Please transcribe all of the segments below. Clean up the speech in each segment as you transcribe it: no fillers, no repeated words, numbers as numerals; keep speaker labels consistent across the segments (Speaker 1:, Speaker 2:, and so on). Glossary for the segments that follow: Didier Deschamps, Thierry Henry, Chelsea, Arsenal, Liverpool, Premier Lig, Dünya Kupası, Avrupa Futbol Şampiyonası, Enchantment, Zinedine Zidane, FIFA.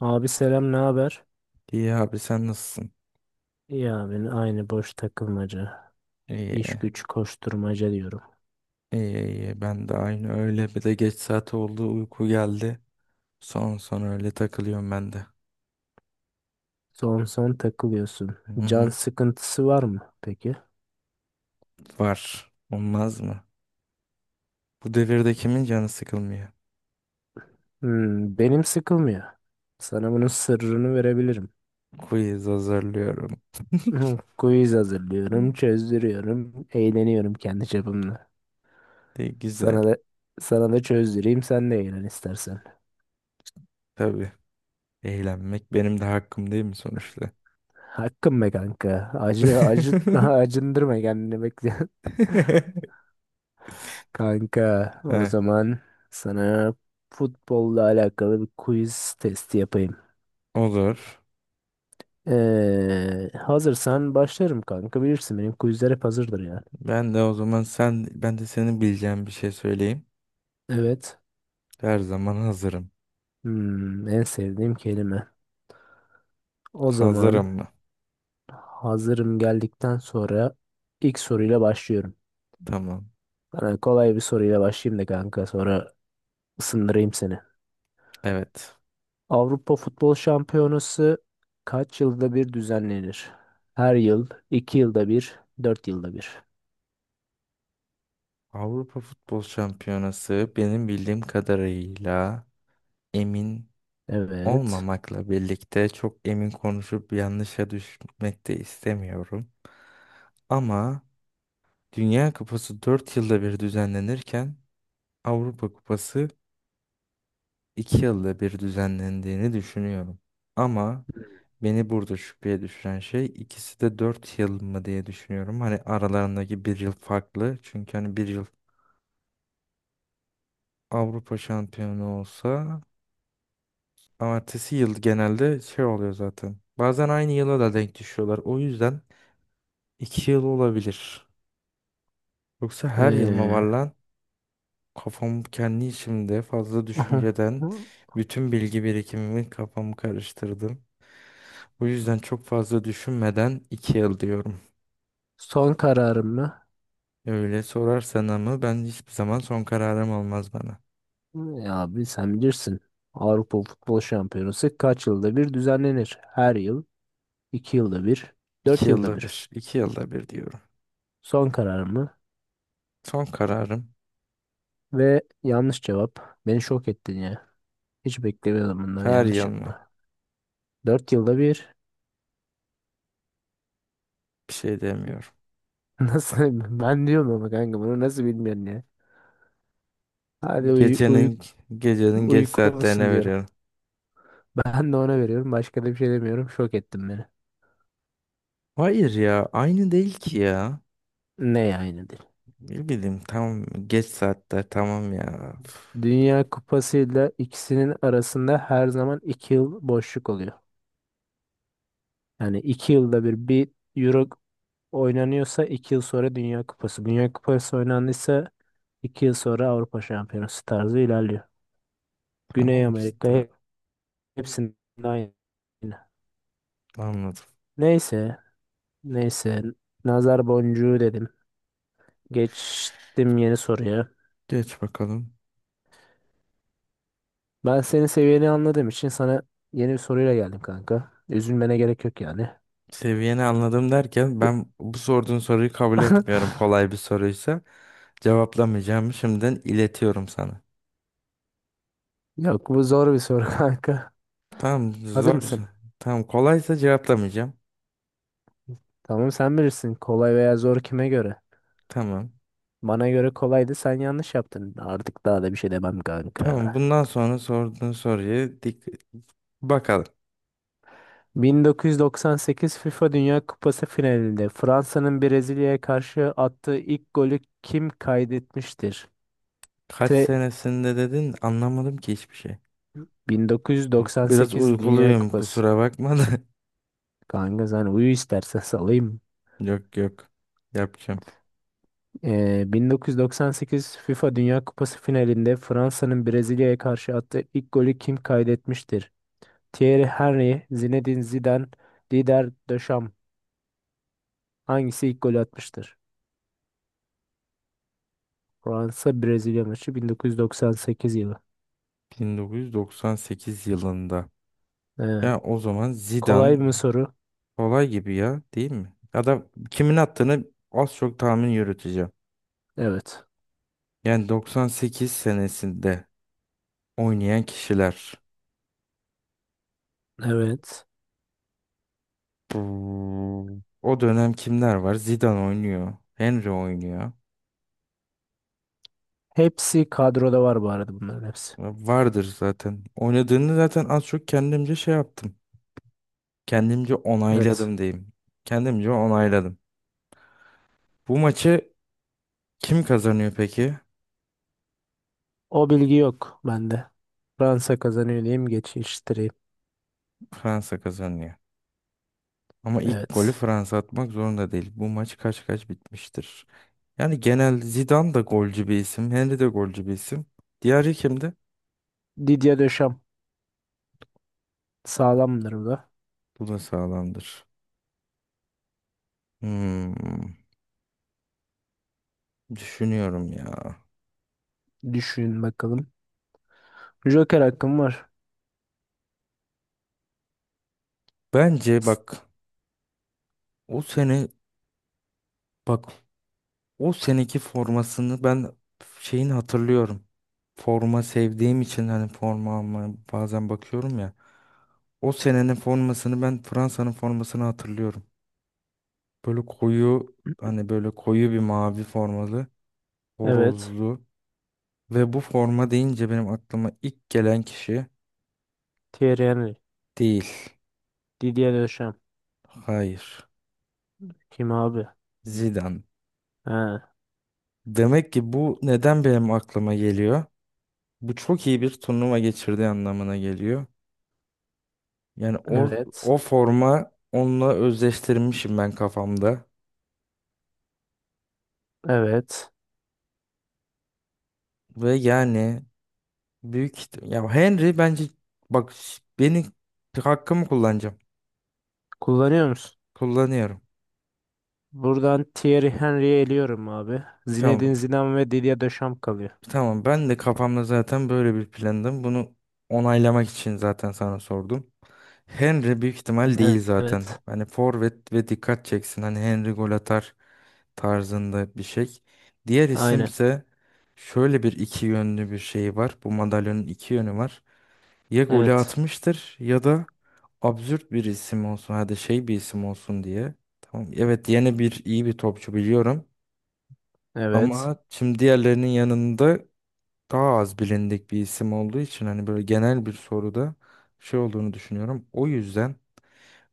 Speaker 1: Abi selam ne haber?
Speaker 2: İyi abi sen nasılsın?
Speaker 1: İyi abi aynı boş takılmaca.
Speaker 2: İyi.
Speaker 1: İş güç koşturmaca diyorum.
Speaker 2: İyi iyi ben de aynı öyle bir de geç saat oldu uyku geldi. Son son öyle takılıyorum ben de.
Speaker 1: Son son takılıyorsun.
Speaker 2: Hı
Speaker 1: Can
Speaker 2: hı.
Speaker 1: sıkıntısı var mı peki?
Speaker 2: Var. Olmaz mı? Bu devirde kimin canı sıkılmıyor?
Speaker 1: Hmm, benim sıkılmıyor. Sana bunun sırrını verebilirim.
Speaker 2: Quiz hazırlıyorum.
Speaker 1: Hmm, Quiz hazırlıyorum, çözdürüyorum, eğleniyorum kendi çapımla.
Speaker 2: De güzel.
Speaker 1: Sana da sana da çözdüreyim sen de eğlen istersen.
Speaker 2: Tabii. Eğlenmek benim de hakkım değil mi sonuçta?
Speaker 1: Hakkım be kanka. Acı acı acındırma kendini bekle. Kanka, o
Speaker 2: Heh,
Speaker 1: zaman sana futbolla alakalı bir quiz testi yapayım.
Speaker 2: olur.
Speaker 1: Hazırsan başlarım kanka. Bilirsin benim quizler hep hazırdır yani.
Speaker 2: Ben de o zaman ben de senin bileceğin bir şey söyleyeyim.
Speaker 1: Evet.
Speaker 2: Her zaman hazırım.
Speaker 1: Hmm, en sevdiğim kelime. O
Speaker 2: Hazırım
Speaker 1: zaman
Speaker 2: mı?
Speaker 1: hazırım geldikten sonra ilk soruyla başlıyorum.
Speaker 2: Tamam.
Speaker 1: Sana kolay bir soruyla başlayayım da kanka sonra ısındırayım seni.
Speaker 2: Evet.
Speaker 1: Avrupa Futbol Şampiyonası kaç yılda bir düzenlenir? Her yıl, iki yılda bir, dört yılda bir.
Speaker 2: Avrupa Futbol Şampiyonası benim bildiğim kadarıyla emin
Speaker 1: Evet.
Speaker 2: olmamakla birlikte çok emin konuşup yanlışa düşmek de istemiyorum. Ama Dünya Kupası 4 yılda bir düzenlenirken Avrupa Kupası 2 yılda bir düzenlendiğini düşünüyorum. Ama beni burada şüpheye düşüren şey ikisi de 4 yıl mı diye düşünüyorum. Hani aralarındaki bir yıl farklı. Çünkü hani bir yıl Avrupa şampiyonu olsa ama ertesi yıl genelde şey oluyor zaten. Bazen aynı yıla da denk düşüyorlar. O yüzden 2 yıl olabilir. Yoksa her yıl mı var
Speaker 1: Ee,
Speaker 2: lan? Kafam kendi içimde fazla
Speaker 1: aha.
Speaker 2: düşünceden bütün bilgi birikimimi kafamı karıştırdım. Bu yüzden çok fazla düşünmeden 2 yıl diyorum.
Speaker 1: Son kararım mı?
Speaker 2: Öyle sorarsan ama ben hiçbir zaman son kararım olmaz bana.
Speaker 1: Ya abi sen bilirsin. Avrupa Futbol Şampiyonası kaç yılda bir düzenlenir? Her yıl, iki yılda bir,
Speaker 2: İki
Speaker 1: dört yılda
Speaker 2: yılda
Speaker 1: bir.
Speaker 2: bir, 2 yılda bir diyorum.
Speaker 1: Son kararım mı?
Speaker 2: Son kararım
Speaker 1: Ve yanlış cevap. Beni şok ettin ya. Hiç beklemiyordum bundan
Speaker 2: her
Speaker 1: yanlış
Speaker 2: yıl mı?
Speaker 1: yapma. Dört yılda bir.
Speaker 2: Bir şey demiyorum.
Speaker 1: Nasıl? Ben diyorum ama kanka bunu nasıl bilmiyorsun ya? Hadi uy uy
Speaker 2: Gecenin gecenin geç saatlerine
Speaker 1: uykulusun diyorum.
Speaker 2: veriyorum.
Speaker 1: Ben de ona veriyorum. Başka da bir şey demiyorum. Şok ettin beni.
Speaker 2: Hayır ya aynı değil ki ya.
Speaker 1: Ne yani?
Speaker 2: Ne bileyim tamam geç saatler tamam ya.
Speaker 1: Dünya Kupası ile ikisinin arasında her zaman iki yıl boşluk oluyor. Yani iki yılda bir Euro oynanıyorsa iki yıl sonra Dünya Kupası. Dünya Kupası oynandıysa iki yıl sonra Avrupa Şampiyonası tarzı ilerliyor. Güney
Speaker 2: Tamam
Speaker 1: Amerika
Speaker 2: işte
Speaker 1: hepsinde aynı.
Speaker 2: anladım.
Speaker 1: Neyse, neyse. Nazar boncuğu dedim. Geçtim yeni soruya.
Speaker 2: Geç bakalım.
Speaker 1: Ben senin seviyeni anladığım için sana yeni bir soruyla geldim kanka. Üzülmene gerek yok yani.
Speaker 2: Seviyeni anladım derken ben bu sorduğun soruyu kabul etmiyorum. Kolay bir soruysa cevaplamayacağımı şimdiden iletiyorum sana.
Speaker 1: Yok bu zor bir soru kanka.
Speaker 2: Tamam zor.
Speaker 1: Hazır mısın?
Speaker 2: Tamam. Tamam kolaysa cevaplamayacağım.
Speaker 1: Tamam sen bilirsin. Kolay veya zor kime göre?
Speaker 2: Tamam.
Speaker 1: Bana göre kolaydı sen yanlış yaptın. Artık daha da bir şey demem
Speaker 2: Tamam
Speaker 1: kanka.
Speaker 2: bundan sonra sorduğun soruyu dik bakalım.
Speaker 1: 1998 FIFA Dünya Kupası finalinde Fransa'nın Brezilya'ya karşı attığı ilk golü kim kaydetmiştir?
Speaker 2: Kaç
Speaker 1: T
Speaker 2: senesinde dedin anlamadım ki hiçbir şey. Yok, biraz
Speaker 1: 1998 Dünya
Speaker 2: uykuluyum
Speaker 1: Kupası.
Speaker 2: kusura bakma da.
Speaker 1: Kanka sen uyu istersen salayım.
Speaker 2: Yok yok. Yapacağım.
Speaker 1: 1998 FIFA Dünya Kupası finalinde Fransa'nın Brezilya'ya karşı attığı ilk golü kim kaydetmiştir? Thierry Henry, Zinedine Zidane, Didier Deschamps. Hangisi ilk golü atmıştır? Fransa Brezilya maçı 1998 yılı.
Speaker 2: 1998 yılında.
Speaker 1: Ee,
Speaker 2: Ya o zaman Zidane
Speaker 1: kolay mı soru?
Speaker 2: kolay gibi ya değil mi? Ya da kimin attığını az çok tahmin yürüteceğim.
Speaker 1: Evet.
Speaker 2: Yani 98 senesinde oynayan kişiler.
Speaker 1: Evet.
Speaker 2: O dönem kimler var? Zidane oynuyor. Henry oynuyor.
Speaker 1: Hepsi kadroda var bu arada bunların hepsi.
Speaker 2: Vardır zaten. Oynadığını zaten az çok kendimce şey yaptım. Kendimce
Speaker 1: Evet.
Speaker 2: onayladım diyeyim. Kendimce onayladım. Bu maçı kim kazanıyor peki?
Speaker 1: O bilgi yok bende. Fransa kazanıyor diyeyim geçiştireyim.
Speaker 2: Fransa kazanıyor. Ama ilk golü
Speaker 1: Evet.
Speaker 2: Fransa atmak zorunda değil. Bu maç kaç kaç bitmiştir. Yani genel Zidane da golcü bir isim. Henry de golcü bir isim. Diğeri kimdi?
Speaker 1: Didier Deschamps sağlamdır bu da.
Speaker 2: Bu da sağlamdır. Hmm, düşünüyorum ya.
Speaker 1: Düşün bakalım. Joker hakkım var.
Speaker 2: Bence
Speaker 1: İs-
Speaker 2: bak, o sene bak o seneki formasını ben şeyini hatırlıyorum. Forma sevdiğim için hani forma almaya bazen bakıyorum ya. O senenin formasını ben Fransa'nın formasını hatırlıyorum. Böyle koyu hani böyle koyu bir mavi formalı,
Speaker 1: Evet.
Speaker 2: horozlu ve bu forma deyince benim aklıma ilk gelen kişi
Speaker 1: Thierry Henry.
Speaker 2: değil.
Speaker 1: Didier Deschamps.
Speaker 2: Hayır.
Speaker 1: Kim abi?
Speaker 2: Zidane.
Speaker 1: Ha,
Speaker 2: Demek ki bu neden benim aklıma geliyor? Bu çok iyi bir turnuva geçirdiği anlamına geliyor. Yani o,
Speaker 1: evet.
Speaker 2: o forma onunla özdeştirmişim ben kafamda.
Speaker 1: Evet.
Speaker 2: Ve yani ya Henry bence bak, beni hakkımı kullanacağım.
Speaker 1: Kullanıyor musun?
Speaker 2: Kullanıyorum.
Speaker 1: Buradan Thierry Henry'e eliyorum abi. Zinedine
Speaker 2: Tamam.
Speaker 1: Zidane ve Didier Deschamps kalıyor.
Speaker 2: Tamam ben de kafamda zaten böyle bir plandım. Bunu onaylamak için zaten sana sordum. Henry büyük ihtimal değil zaten.
Speaker 1: Evet.
Speaker 2: Hani forvet ve dikkat çeksin. Hani Henry gol atar tarzında bir şey. Diğer
Speaker 1: Aynen.
Speaker 2: isimse şöyle bir iki yönlü bir şey var. Bu madalyonun iki yönü var. Ya golü
Speaker 1: Evet.
Speaker 2: atmıştır ya da absürt bir isim olsun. Hadi şey bir isim olsun diye. Tamam. Evet yeni bir iyi bir topçu biliyorum.
Speaker 1: Evet.
Speaker 2: Ama şimdi diğerlerinin yanında daha az bilindik bir isim olduğu için hani böyle genel bir soruda şey olduğunu düşünüyorum. O yüzden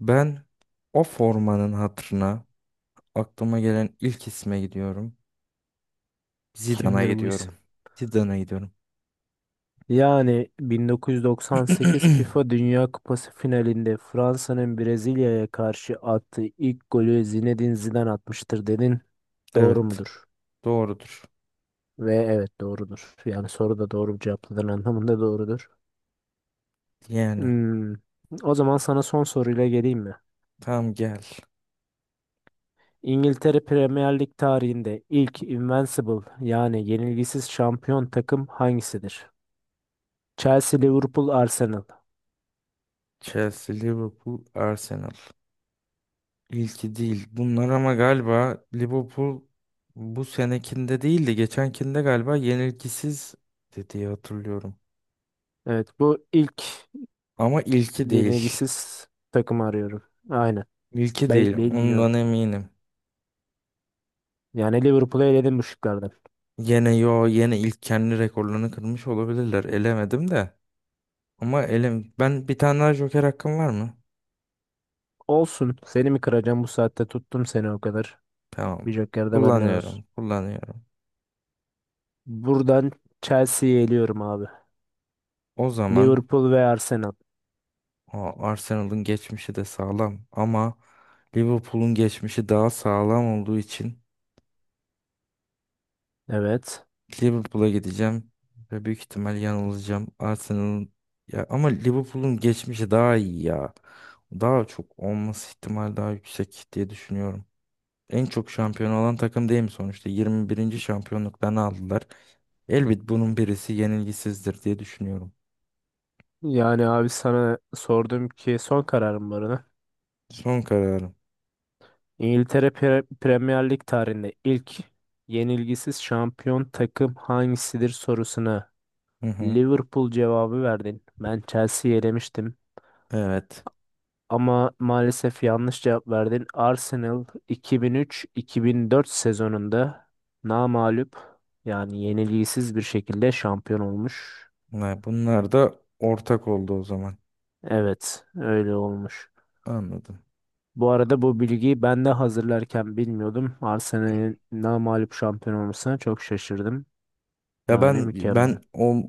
Speaker 2: ben o formanın hatırına aklıma gelen ilk isme gidiyorum. Zidane'a
Speaker 1: Kimdir bu
Speaker 2: gidiyorum.
Speaker 1: isim?
Speaker 2: Zidane'a gidiyorum.
Speaker 1: Yani 1998 FIFA Dünya Kupası finalinde Fransa'nın Brezilya'ya karşı attığı ilk golü Zinedine Zidane atmıştır dedin. Doğru
Speaker 2: Evet,
Speaker 1: mudur?
Speaker 2: doğrudur.
Speaker 1: Ve evet doğrudur. Yani soru da doğru cevapladığın anlamında doğrudur.
Speaker 2: Yani
Speaker 1: Hmm. O zaman sana son soruyla geleyim mi?
Speaker 2: tam gel.
Speaker 1: İngiltere Premier Lig tarihinde ilk Invincible yani yenilgisiz şampiyon takım hangisidir? Chelsea, Liverpool, Arsenal.
Speaker 2: Chelsea, Liverpool, Arsenal. İlki değil. Bunlar ama galiba Liverpool bu senekinde değil de geçenkinde galiba yenilgisiz dediği hatırlıyorum.
Speaker 1: Evet bu ilk
Speaker 2: Ama ilki değil.
Speaker 1: yenilgisiz takımı arıyorum. Aynen.
Speaker 2: İlki değil. Ondan
Speaker 1: Bilmiyorum.
Speaker 2: eminim.
Speaker 1: Yani Liverpool'u eledim bu şıklardan.
Speaker 2: Yine ilk kendi rekorlarını kırmış olabilirler. Elemedim de. Ama ben bir tane daha Joker hakkım var mı?
Speaker 1: Olsun. Seni mi kıracağım bu saatte tuttum seni o kadar.
Speaker 2: Tamam.
Speaker 1: Bir joker de benden olsun.
Speaker 2: Kullanıyorum. Kullanıyorum.
Speaker 1: Buradan Chelsea'yi eliyorum abi.
Speaker 2: O zaman
Speaker 1: Liverpool ve Arsenal.
Speaker 2: o Arsenal'ın geçmişi de sağlam ama Liverpool'un geçmişi daha sağlam olduğu için
Speaker 1: Evet.
Speaker 2: Liverpool'a gideceğim ve büyük ihtimal yanılacağım. Arsenal'ın ya ama Liverpool'un geçmişi daha iyi ya. Daha çok olması ihtimal daha yüksek diye düşünüyorum. En çok şampiyon olan takım değil mi sonuçta? 21. şampiyonluklarını aldılar. Elbet bunun birisi yenilgisizdir diye düşünüyorum.
Speaker 1: Yani abi sana sordum ki son kararım var ona.
Speaker 2: Son kararım.
Speaker 1: İngiltere Premier Lig tarihinde ilk yenilgisiz şampiyon takım hangisidir sorusuna
Speaker 2: Hı hı.
Speaker 1: Liverpool cevabı verdin. Ben Chelsea'yi elemiştim.
Speaker 2: Evet.
Speaker 1: Ama maalesef yanlış cevap verdin. Arsenal 2003-2004 sezonunda namağlup yani yenilgisiz bir şekilde şampiyon olmuş.
Speaker 2: Bunlar da ortak oldu o zaman.
Speaker 1: Evet, öyle olmuş.
Speaker 2: Anladım.
Speaker 1: Bu arada bu bilgiyi ben de hazırlarken bilmiyordum. Arsenal'in namağlup şampiyon olmasına çok şaşırdım.
Speaker 2: Ya
Speaker 1: Yani
Speaker 2: ben
Speaker 1: mükemmel.
Speaker 2: ben o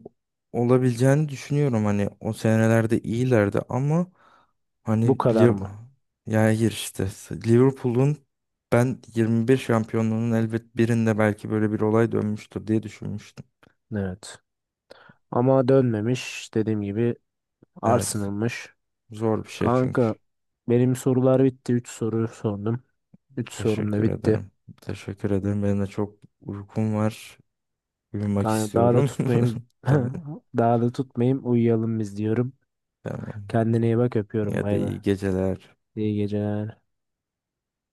Speaker 2: olabileceğini düşünüyorum hani o senelerde iyilerdi ama hani
Speaker 1: Bu kadar
Speaker 2: Liv-
Speaker 1: mı?
Speaker 2: ya hayır işte Liverpool'un ben 21 şampiyonluğunun elbet birinde belki böyle bir olay dönmüştür diye düşünmüştüm.
Speaker 1: Evet. Ama dönmemiş. Dediğim gibi
Speaker 2: Evet
Speaker 1: Arsenal'mış.
Speaker 2: zor bir şey çünkü.
Speaker 1: Kanka benim sorular bitti. 3 soru sordum. 3 sorum da
Speaker 2: Teşekkür
Speaker 1: bitti.
Speaker 2: ederim. Teşekkür ederim. Benim de çok uykum var. Uyumak
Speaker 1: Kanka daha da
Speaker 2: istiyorum.
Speaker 1: tutmayayım.
Speaker 2: Tamam.
Speaker 1: Daha da tutmayayım. Uyuyalım biz diyorum.
Speaker 2: Tamam.
Speaker 1: Kendine iyi bak öpüyorum.
Speaker 2: Ya da
Speaker 1: Bay bay.
Speaker 2: iyi geceler.
Speaker 1: İyi geceler.